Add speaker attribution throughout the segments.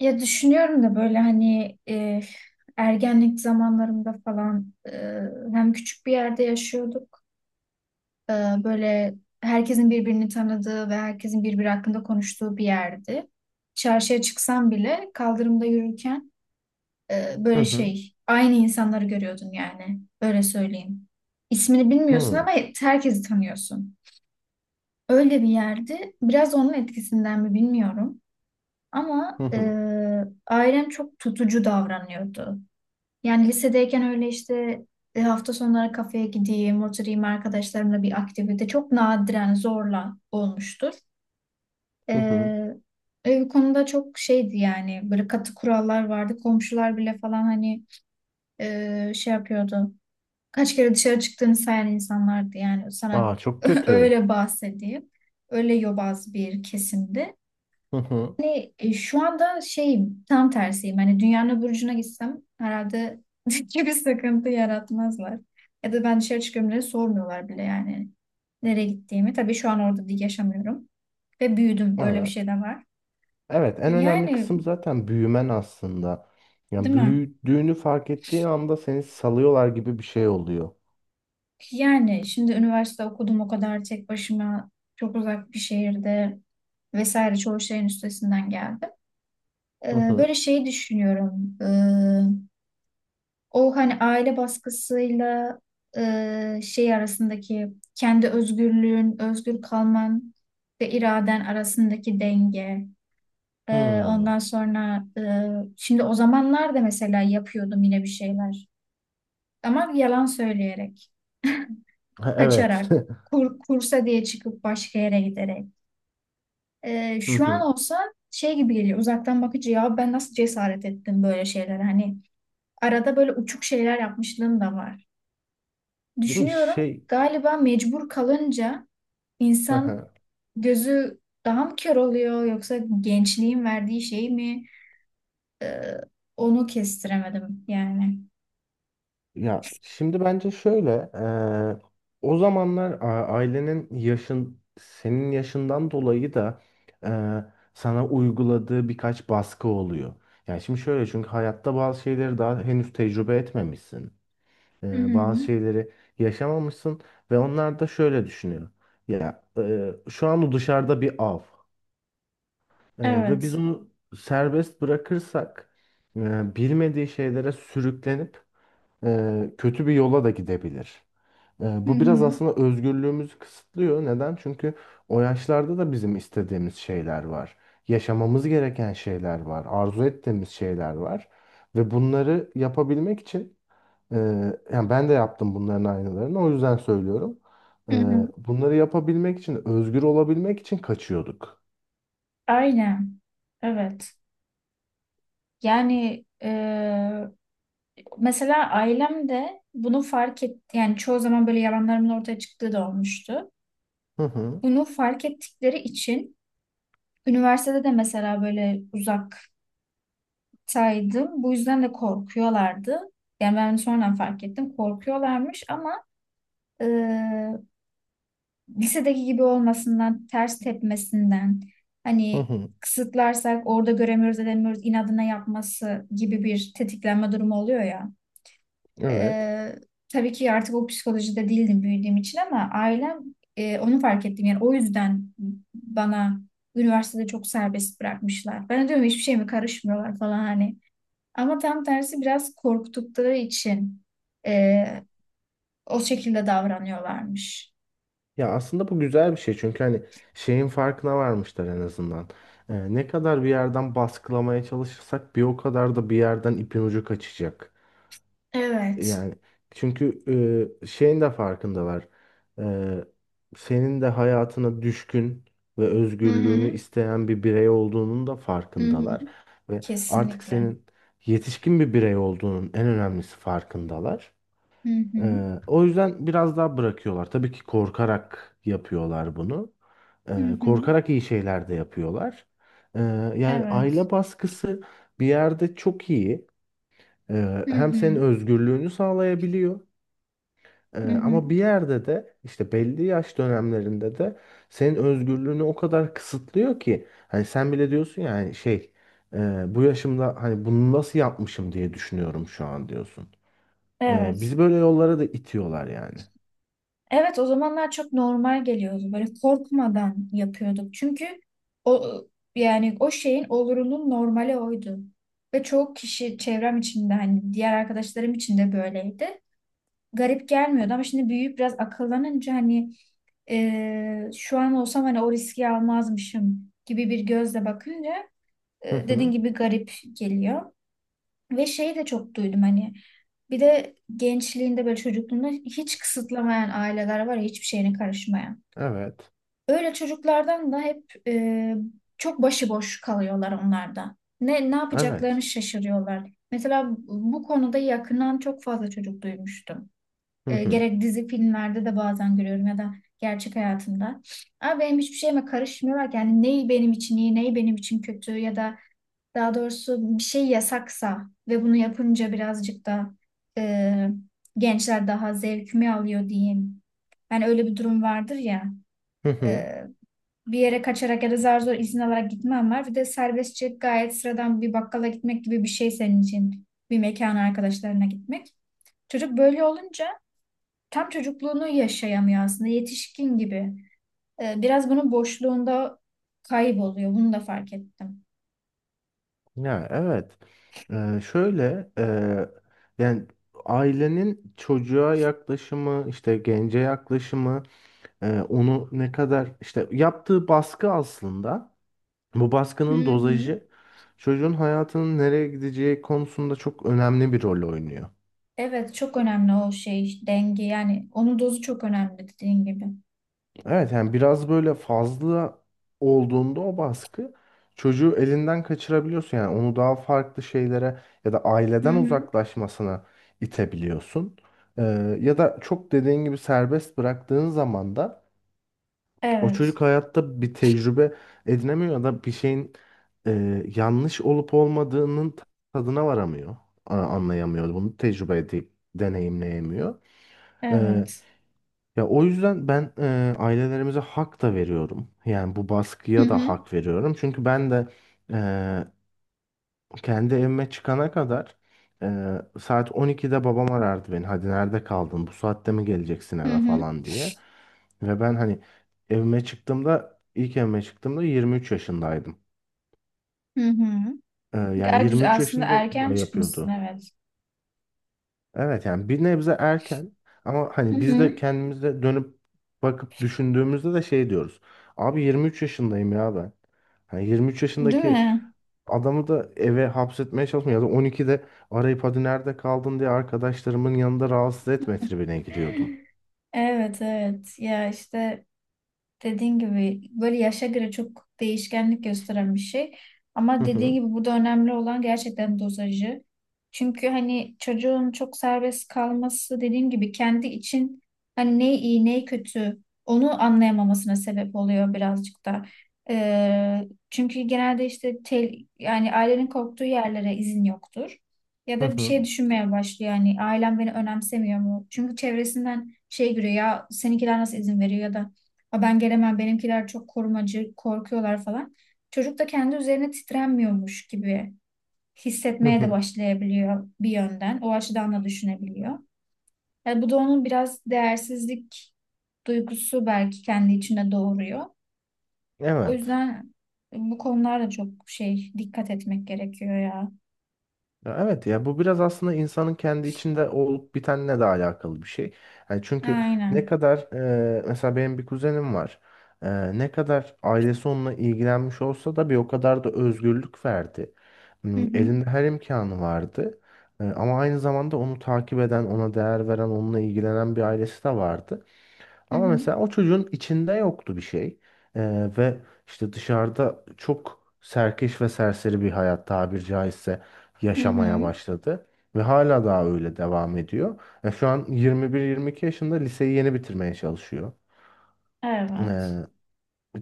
Speaker 1: Ya düşünüyorum da böyle hani ergenlik zamanlarımda falan hem küçük bir yerde yaşıyorduk. E, Böyle herkesin birbirini tanıdığı ve herkesin birbiri hakkında konuştuğu bir yerdi. Çarşıya çıksam bile kaldırımda yürürken
Speaker 2: Hı
Speaker 1: böyle
Speaker 2: hı.
Speaker 1: şey aynı insanları görüyordun, yani öyle söyleyeyim. İsmini
Speaker 2: Hı
Speaker 1: bilmiyorsun
Speaker 2: hı.
Speaker 1: ama herkesi tanıyorsun. Öyle bir yerdi. Biraz onun etkisinden mi bilmiyorum. Ama
Speaker 2: Hı hı.
Speaker 1: ailem çok tutucu davranıyordu. Yani lisedeyken öyle işte hafta sonları kafeye gideyim, oturayım arkadaşlarımla bir aktivite çok nadiren zorla olmuştur.
Speaker 2: Hı.
Speaker 1: Ee, bu konuda çok şeydi, yani böyle katı kurallar vardı. Komşular bile falan hani şey yapıyordu. Kaç kere dışarı çıktığını sayan insanlardı yani sana
Speaker 2: Aa, çok kötü.
Speaker 1: öyle bahsedeyim. Öyle yobaz bir kesimdi.
Speaker 2: Hı hı.
Speaker 1: Hani şu anda şey tam tersiyim. Hani dünyanın öbür ucuna gitsem herhalde hiçbir sıkıntı yaratmazlar. Ya da ben dışarı çıkıyorum diye sormuyorlar bile, yani nereye gittiğimi. Tabii şu an orada değil, yaşamıyorum. Ve büyüdüm. Böyle bir
Speaker 2: Evet.
Speaker 1: şey de var.
Speaker 2: Evet, en önemli
Speaker 1: Yani
Speaker 2: kısım zaten büyümen aslında. Yani
Speaker 1: değil mi?
Speaker 2: büyüdüğünü fark ettiğin anda seni salıyorlar gibi bir şey oluyor.
Speaker 1: Yani şimdi üniversite okudum, o kadar tek başıma, çok uzak bir şehirde vesaire, çoğu şeyin üstesinden geldim.
Speaker 2: Hı hı.
Speaker 1: Böyle şeyi düşünüyorum. O hani aile baskısıyla şey arasındaki, kendi özgürlüğün, özgür kalman ve iraden arasındaki denge.
Speaker 2: Hı.
Speaker 1: Ondan sonra şimdi o zamanlar da mesela yapıyordum yine bir şeyler. Ama yalan söyleyerek,
Speaker 2: Ha,
Speaker 1: kaçarak,
Speaker 2: evet.
Speaker 1: kursa diye çıkıp başka yere giderek.
Speaker 2: Hı
Speaker 1: Şu an
Speaker 2: hı.
Speaker 1: olsa şey gibi geliyor, uzaktan bakıcı, ya ben nasıl cesaret ettim böyle şeylere, hani arada böyle uçuk şeyler yapmışlığım da var.
Speaker 2: Değil mi?
Speaker 1: Düşünüyorum,
Speaker 2: Şey.
Speaker 1: galiba mecbur kalınca
Speaker 2: Hı
Speaker 1: insan
Speaker 2: hı.
Speaker 1: gözü daha mı kör oluyor, yoksa gençliğin verdiği şey mi? Ee, onu kestiremedim yani.
Speaker 2: Ya şimdi bence şöyle, o zamanlar ailenin yaşın senin yaşından dolayı da eee, sana uyguladığı birkaç baskı oluyor. Yani şimdi şöyle, çünkü hayatta bazı şeyleri daha henüz tecrübe etmemişsin.
Speaker 1: Hı
Speaker 2: Eee,
Speaker 1: hı.
Speaker 2: bazı şeyleri yaşamamışsın ve onlar da şöyle düşünüyor: ya şu an o dışarıda bir av, ve biz
Speaker 1: Evet.
Speaker 2: onu serbest bırakırsak bilmediği şeylere sürüklenip kötü bir yola da gidebilir.
Speaker 1: Hı
Speaker 2: Bu biraz
Speaker 1: hı.
Speaker 2: aslında özgürlüğümüzü kısıtlıyor. Neden? Çünkü o yaşlarda da bizim istediğimiz şeyler var. Yaşamamız gereken şeyler var. Arzu ettiğimiz şeyler var. Ve bunları yapabilmek için e, yani ben de yaptım bunların aynılarını. O yüzden söylüyorum. E,
Speaker 1: Hı hı.
Speaker 2: bunları yapabilmek için, özgür olabilmek için kaçıyorduk.
Speaker 1: Aynen. Evet. Yani mesela ailem de bunu fark et, yani çoğu zaman böyle yalanlarımın ortaya çıktığı da olmuştu.
Speaker 2: Hı hı.
Speaker 1: Bunu fark ettikleri için üniversitede de mesela böyle uzak saydım. Bu yüzden de korkuyorlardı. Yani ben sonradan fark ettim. Korkuyorlarmış ama e, lisedeki gibi olmasından, ters tepmesinden,
Speaker 2: Hı
Speaker 1: hani
Speaker 2: hı.
Speaker 1: kısıtlarsak orada göremiyoruz, edemiyoruz, inadına yapması gibi bir tetiklenme durumu oluyor ya.
Speaker 2: Evet.
Speaker 1: E, tabii ki artık o psikolojide değildim büyüdüğüm için, ama ailem onu fark ettim. Yani o yüzden bana üniversitede çok serbest bırakmışlar. Ben de diyorum hiçbir şey mi karışmıyorlar falan hani. Ama tam tersi, biraz korktukları için eee, o şekilde davranıyorlarmış.
Speaker 2: Ya aslında bu güzel bir şey, çünkü hani şeyin farkına varmışlar en azından. Ne kadar bir yerden baskılamaya çalışırsak bir o kadar da bir yerden ipin ucu kaçacak.
Speaker 1: Evet.
Speaker 2: Yani çünkü şeyin de farkındalar. Ee, senin de hayatına düşkün ve
Speaker 1: Hı
Speaker 2: özgürlüğünü
Speaker 1: hı.
Speaker 2: isteyen bir birey olduğunun da
Speaker 1: Hı hı.
Speaker 2: farkındalar. Ve artık
Speaker 1: Kesinlikle.
Speaker 2: senin yetişkin bir birey olduğunun, en önemlisi, farkındalar.
Speaker 1: Hı hı.
Speaker 2: O yüzden biraz daha bırakıyorlar. Tabii ki korkarak yapıyorlar bunu.
Speaker 1: Hı
Speaker 2: Ee,
Speaker 1: hı.
Speaker 2: korkarak iyi şeyler de yapıyorlar. Ee, yani
Speaker 1: Evet.
Speaker 2: aile baskısı bir yerde çok iyi. Ee,
Speaker 1: Hı
Speaker 2: hem senin
Speaker 1: hı.
Speaker 2: özgürlüğünü sağlayabiliyor. Ee,
Speaker 1: Hı
Speaker 2: ama bir
Speaker 1: hı.
Speaker 2: yerde de işte belli yaş dönemlerinde de senin özgürlüğünü o kadar kısıtlıyor ki hani sen bile diyorsun, yani şey, bu yaşımda hani bunu nasıl yapmışım diye düşünüyorum şu an, diyorsun. Bizi
Speaker 1: Evet.
Speaker 2: böyle yollara da itiyorlar yani.
Speaker 1: Evet, o zamanlar çok normal geliyordu. Böyle korkmadan yapıyorduk. Çünkü o, yani o şeyin olurunun normali oydu. Ve çoğu kişi çevrem içinde, hani diğer arkadaşlarım için de böyleydi. Garip gelmiyordu ama şimdi büyüyüp biraz akıllanınca, hani şu an olsam hani o riski almazmışım gibi bir gözle bakınca
Speaker 2: Hı
Speaker 1: dediğin
Speaker 2: hı.
Speaker 1: gibi garip geliyor. Ve şeyi de çok duydum, hani bir de gençliğinde, böyle çocukluğunda hiç kısıtlamayan aileler var ya, hiçbir şeyine karışmayan.
Speaker 2: Evet.
Speaker 1: Öyle çocuklardan da hep çok başıboş kalıyorlar onlar da. Ne yapacaklarını
Speaker 2: Evet.
Speaker 1: şaşırıyorlar. Mesela bu konuda yakından çok fazla çocuk duymuştum.
Speaker 2: Hı hı.
Speaker 1: Gerek dizi filmlerde de bazen görüyorum ya da gerçek hayatımda. Ama benim hiçbir şeyime karışmıyorlar ki. Yani neyi benim için iyi, neyi benim için kötü, ya da daha doğrusu bir şey yasaksa ve bunu yapınca birazcık da e, gençler daha zevkimi alıyor diyeyim. Yani öyle bir durum vardır ya.
Speaker 2: Hı hı.
Speaker 1: e, Bir yere kaçarak ya da zar zor izin alarak gitmem var. Bir de serbestçe gayet sıradan bir bakkala gitmek gibi bir şey senin için. Bir mekana arkadaşlarına gitmek. Çocuk böyle olunca tam çocukluğunu yaşayamıyor aslında, yetişkin gibi. Biraz bunun boşluğunda kayboluyor. Bunu da fark ettim.
Speaker 2: Ya evet. Şöyle yani ailenin çocuğa yaklaşımı, işte gence yaklaşımı, onu ne kadar işte yaptığı baskı aslında. Bu baskının
Speaker 1: Hı hı.
Speaker 2: dozajı çocuğun hayatının nereye gideceği konusunda çok önemli bir rol oynuyor.
Speaker 1: Evet, çok önemli o şey denge, yani onun dozu çok önemli dediğin gibi.
Speaker 2: Evet, yani biraz böyle fazla olduğunda o baskı, çocuğu elinden kaçırabiliyorsun. Yani onu daha farklı şeylere ya da
Speaker 1: Hı
Speaker 2: aileden
Speaker 1: hı.
Speaker 2: uzaklaşmasına itebiliyorsun. Ee, ya da çok dediğin gibi serbest bıraktığın zaman da o
Speaker 1: Evet,
Speaker 2: çocuk hayatta bir tecrübe edinemiyor ya da bir şeyin yanlış olup olmadığının tadına varamıyor. Anlayamıyor. Bunu tecrübe edip deneyimleyemiyor. E,
Speaker 1: evet.
Speaker 2: ya o yüzden ben ailelerimize hak da veriyorum. Yani bu
Speaker 1: Hı
Speaker 2: baskıya da
Speaker 1: hı.
Speaker 2: hak veriyorum. Çünkü ben de kendi evime çıkana kadar saat 12'de babam arardı beni: "Hadi, nerede kaldın? Bu saatte mi geleceksin
Speaker 1: Hı
Speaker 2: eve?"
Speaker 1: hı.
Speaker 2: falan diye. Ve ben hani evime çıktığımda, ilk evime çıktığımda 23 yaşındaydım.
Speaker 1: Hı hı.
Speaker 2: Yani
Speaker 1: Gel güzel
Speaker 2: 23
Speaker 1: aslında,
Speaker 2: yaşında
Speaker 1: erken
Speaker 2: da
Speaker 1: çıkmışsın,
Speaker 2: yapıyordu.
Speaker 1: evet.
Speaker 2: Evet, yani bir nebze erken, ama
Speaker 1: Hı
Speaker 2: hani biz
Speaker 1: hı.
Speaker 2: de kendimize dönüp bakıp düşündüğümüzde de şey diyoruz: "Abi, 23 yaşındayım ya ben." Hani 23
Speaker 1: Değil
Speaker 2: yaşındaki
Speaker 1: mi?
Speaker 2: adamı da eve hapsetmeye çalışmıyor. Ya da 12'de arayıp "hadi nerede kaldın" diye arkadaşlarımın yanında rahatsız etme tribine giriyordum.
Speaker 1: Evet, evet, ya işte dediğin gibi böyle yaşa göre çok değişkenlik gösteren bir şey.
Speaker 2: Hı
Speaker 1: Ama dediğin
Speaker 2: hı,
Speaker 1: gibi burada önemli olan gerçekten dozajı. Çünkü hani çocuğun çok serbest kalması, dediğim gibi kendi için hani ne iyi ne kötü onu anlayamamasına sebep oluyor birazcık da. Ee, çünkü genelde işte yani ailenin korktuğu yerlere izin yoktur. Ya
Speaker 2: hı
Speaker 1: da bir
Speaker 2: hı,
Speaker 1: şey düşünmeye başlıyor, yani ailem beni önemsemiyor mu? Çünkü çevresinden şey görüyor ya, seninkiler nasıl izin veriyor ya da "Aa, ben gelemem, benimkiler çok korumacı, korkuyorlar" falan. Çocuk da kendi üzerine titrenmiyormuş gibi
Speaker 2: hı
Speaker 1: hissetmeye de
Speaker 2: hı.
Speaker 1: başlayabiliyor bir yönden. O açıdan da düşünebiliyor. Yani bu da onun biraz değersizlik duygusu belki kendi içinde doğuruyor. O
Speaker 2: Evet.
Speaker 1: yüzden bu konularda çok şey dikkat etmek gerekiyor ya.
Speaker 2: Ya evet ya, bu biraz aslında insanın kendi içinde olup bitenle de alakalı bir şey. Yani çünkü ne
Speaker 1: Aynen.
Speaker 2: kadar mesela benim bir kuzenim var. Ne kadar ailesi onunla ilgilenmiş olsa da bir o kadar da özgürlük verdi.
Speaker 1: Hı
Speaker 2: Hmm,
Speaker 1: hı.
Speaker 2: Elinde her imkanı vardı. Ama aynı zamanda onu takip eden, ona değer veren, onunla ilgilenen bir ailesi de vardı.
Speaker 1: Hı
Speaker 2: Ama
Speaker 1: hı.
Speaker 2: mesela o çocuğun içinde yoktu bir şey. Ve işte dışarıda çok serkeş ve serseri bir hayat, tabiri caizse,
Speaker 1: Hı
Speaker 2: yaşamaya
Speaker 1: hı.
Speaker 2: başladı. Ve hala daha öyle devam ediyor. Şu an 21-22 yaşında, liseyi yeni bitirmeye çalışıyor. Ee,
Speaker 1: Evet.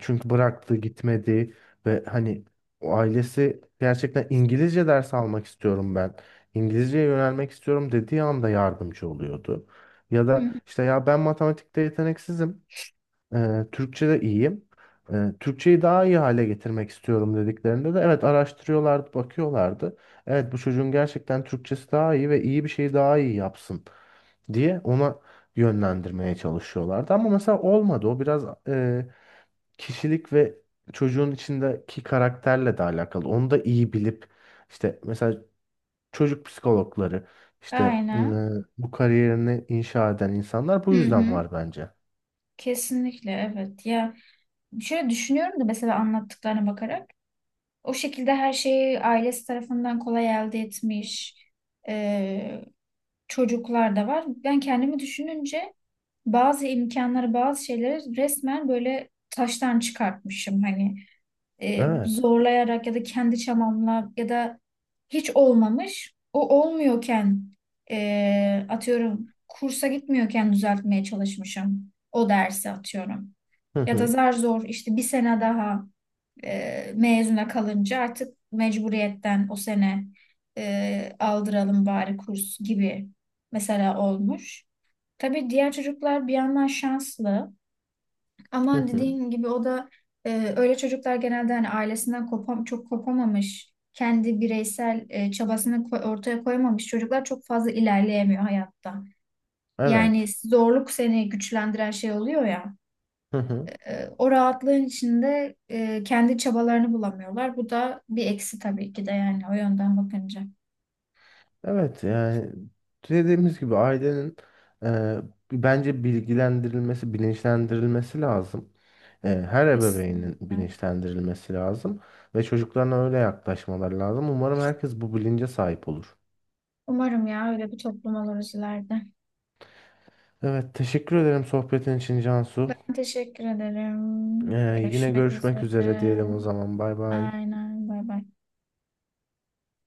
Speaker 2: çünkü bıraktı, gitmedi ve hani o ailesi, gerçekten "İngilizce ders almak istiyorum ben, İngilizceye yönelmek istiyorum" dediği anda yardımcı oluyordu. Ya
Speaker 1: Hı hı.
Speaker 2: da işte "ya ben matematikte yeteneksizim, Türkçe'de iyiyim. Türkçeyi daha iyi hale getirmek istiyorum" dediklerinde de evet, araştırıyorlardı, bakıyorlardı. Evet, bu çocuğun gerçekten Türkçesi daha iyi ve iyi bir şeyi daha iyi yapsın diye ona yönlendirmeye çalışıyorlardı. Ama mesela olmadı. O biraz kişilik ve çocuğun içindeki karakterle de alakalı. Onu da iyi bilip işte, mesela çocuk psikologları, işte
Speaker 1: Aynen.
Speaker 2: bu kariyerini inşa eden insanlar
Speaker 1: Hı
Speaker 2: bu yüzden
Speaker 1: hı.
Speaker 2: var bence.
Speaker 1: Kesinlikle, evet. Ya, şöyle düşünüyorum da mesela anlattıklarına bakarak. O şekilde her şeyi ailesi tarafından kolay elde etmiş e, çocuklar da var. Ben kendimi düşününce bazı imkanları, bazı şeyleri resmen böyle taştan çıkartmışım. Hani
Speaker 2: Evet.
Speaker 1: zorlayarak ya da kendi çabamla ya da hiç olmamış. O olmuyorken atıyorum kursa gitmiyorken düzeltmeye çalışmışım o dersi, atıyorum.
Speaker 2: Hı
Speaker 1: Ya da
Speaker 2: hı.
Speaker 1: zar zor işte bir sene daha. Mezuna kalınca artık mecburiyetten o sene aldıralım bari kurs gibi mesela olmuş. Tabii diğer çocuklar bir yandan şanslı
Speaker 2: Hı
Speaker 1: ama
Speaker 2: hı.
Speaker 1: dediğin gibi o da e, öyle çocuklar genelde hani ailesinden kopam çok kopamamış, kendi bireysel çabasını ortaya koymamış çocuklar çok fazla ilerleyemiyor hayatta. Yani
Speaker 2: Evet.
Speaker 1: zorluk seni güçlendiren şey oluyor ya.
Speaker 2: Hı hı.
Speaker 1: O rahatlığın içinde kendi çabalarını bulamıyorlar. Bu da bir eksi tabii ki de, yani o yönden bakınca.
Speaker 2: Evet, yani dediğimiz gibi ailenin e, bence bilgilendirilmesi, bilinçlendirilmesi lazım. Her ebeveynin
Speaker 1: Kesinlikle.
Speaker 2: bilinçlendirilmesi lazım ve çocuklarına öyle yaklaşmaları lazım. Umarım herkes bu bilince sahip olur.
Speaker 1: Umarım ya, öyle bir toplum oluruz ileride.
Speaker 2: Evet, teşekkür ederim sohbetin için, Cansu.
Speaker 1: Ben teşekkür
Speaker 2: Ee,
Speaker 1: ederim.
Speaker 2: yine
Speaker 1: Görüşmek
Speaker 2: görüşmek üzere
Speaker 1: üzere.
Speaker 2: diyelim o zaman. Bay bay.
Speaker 1: Aynen. Bay bay.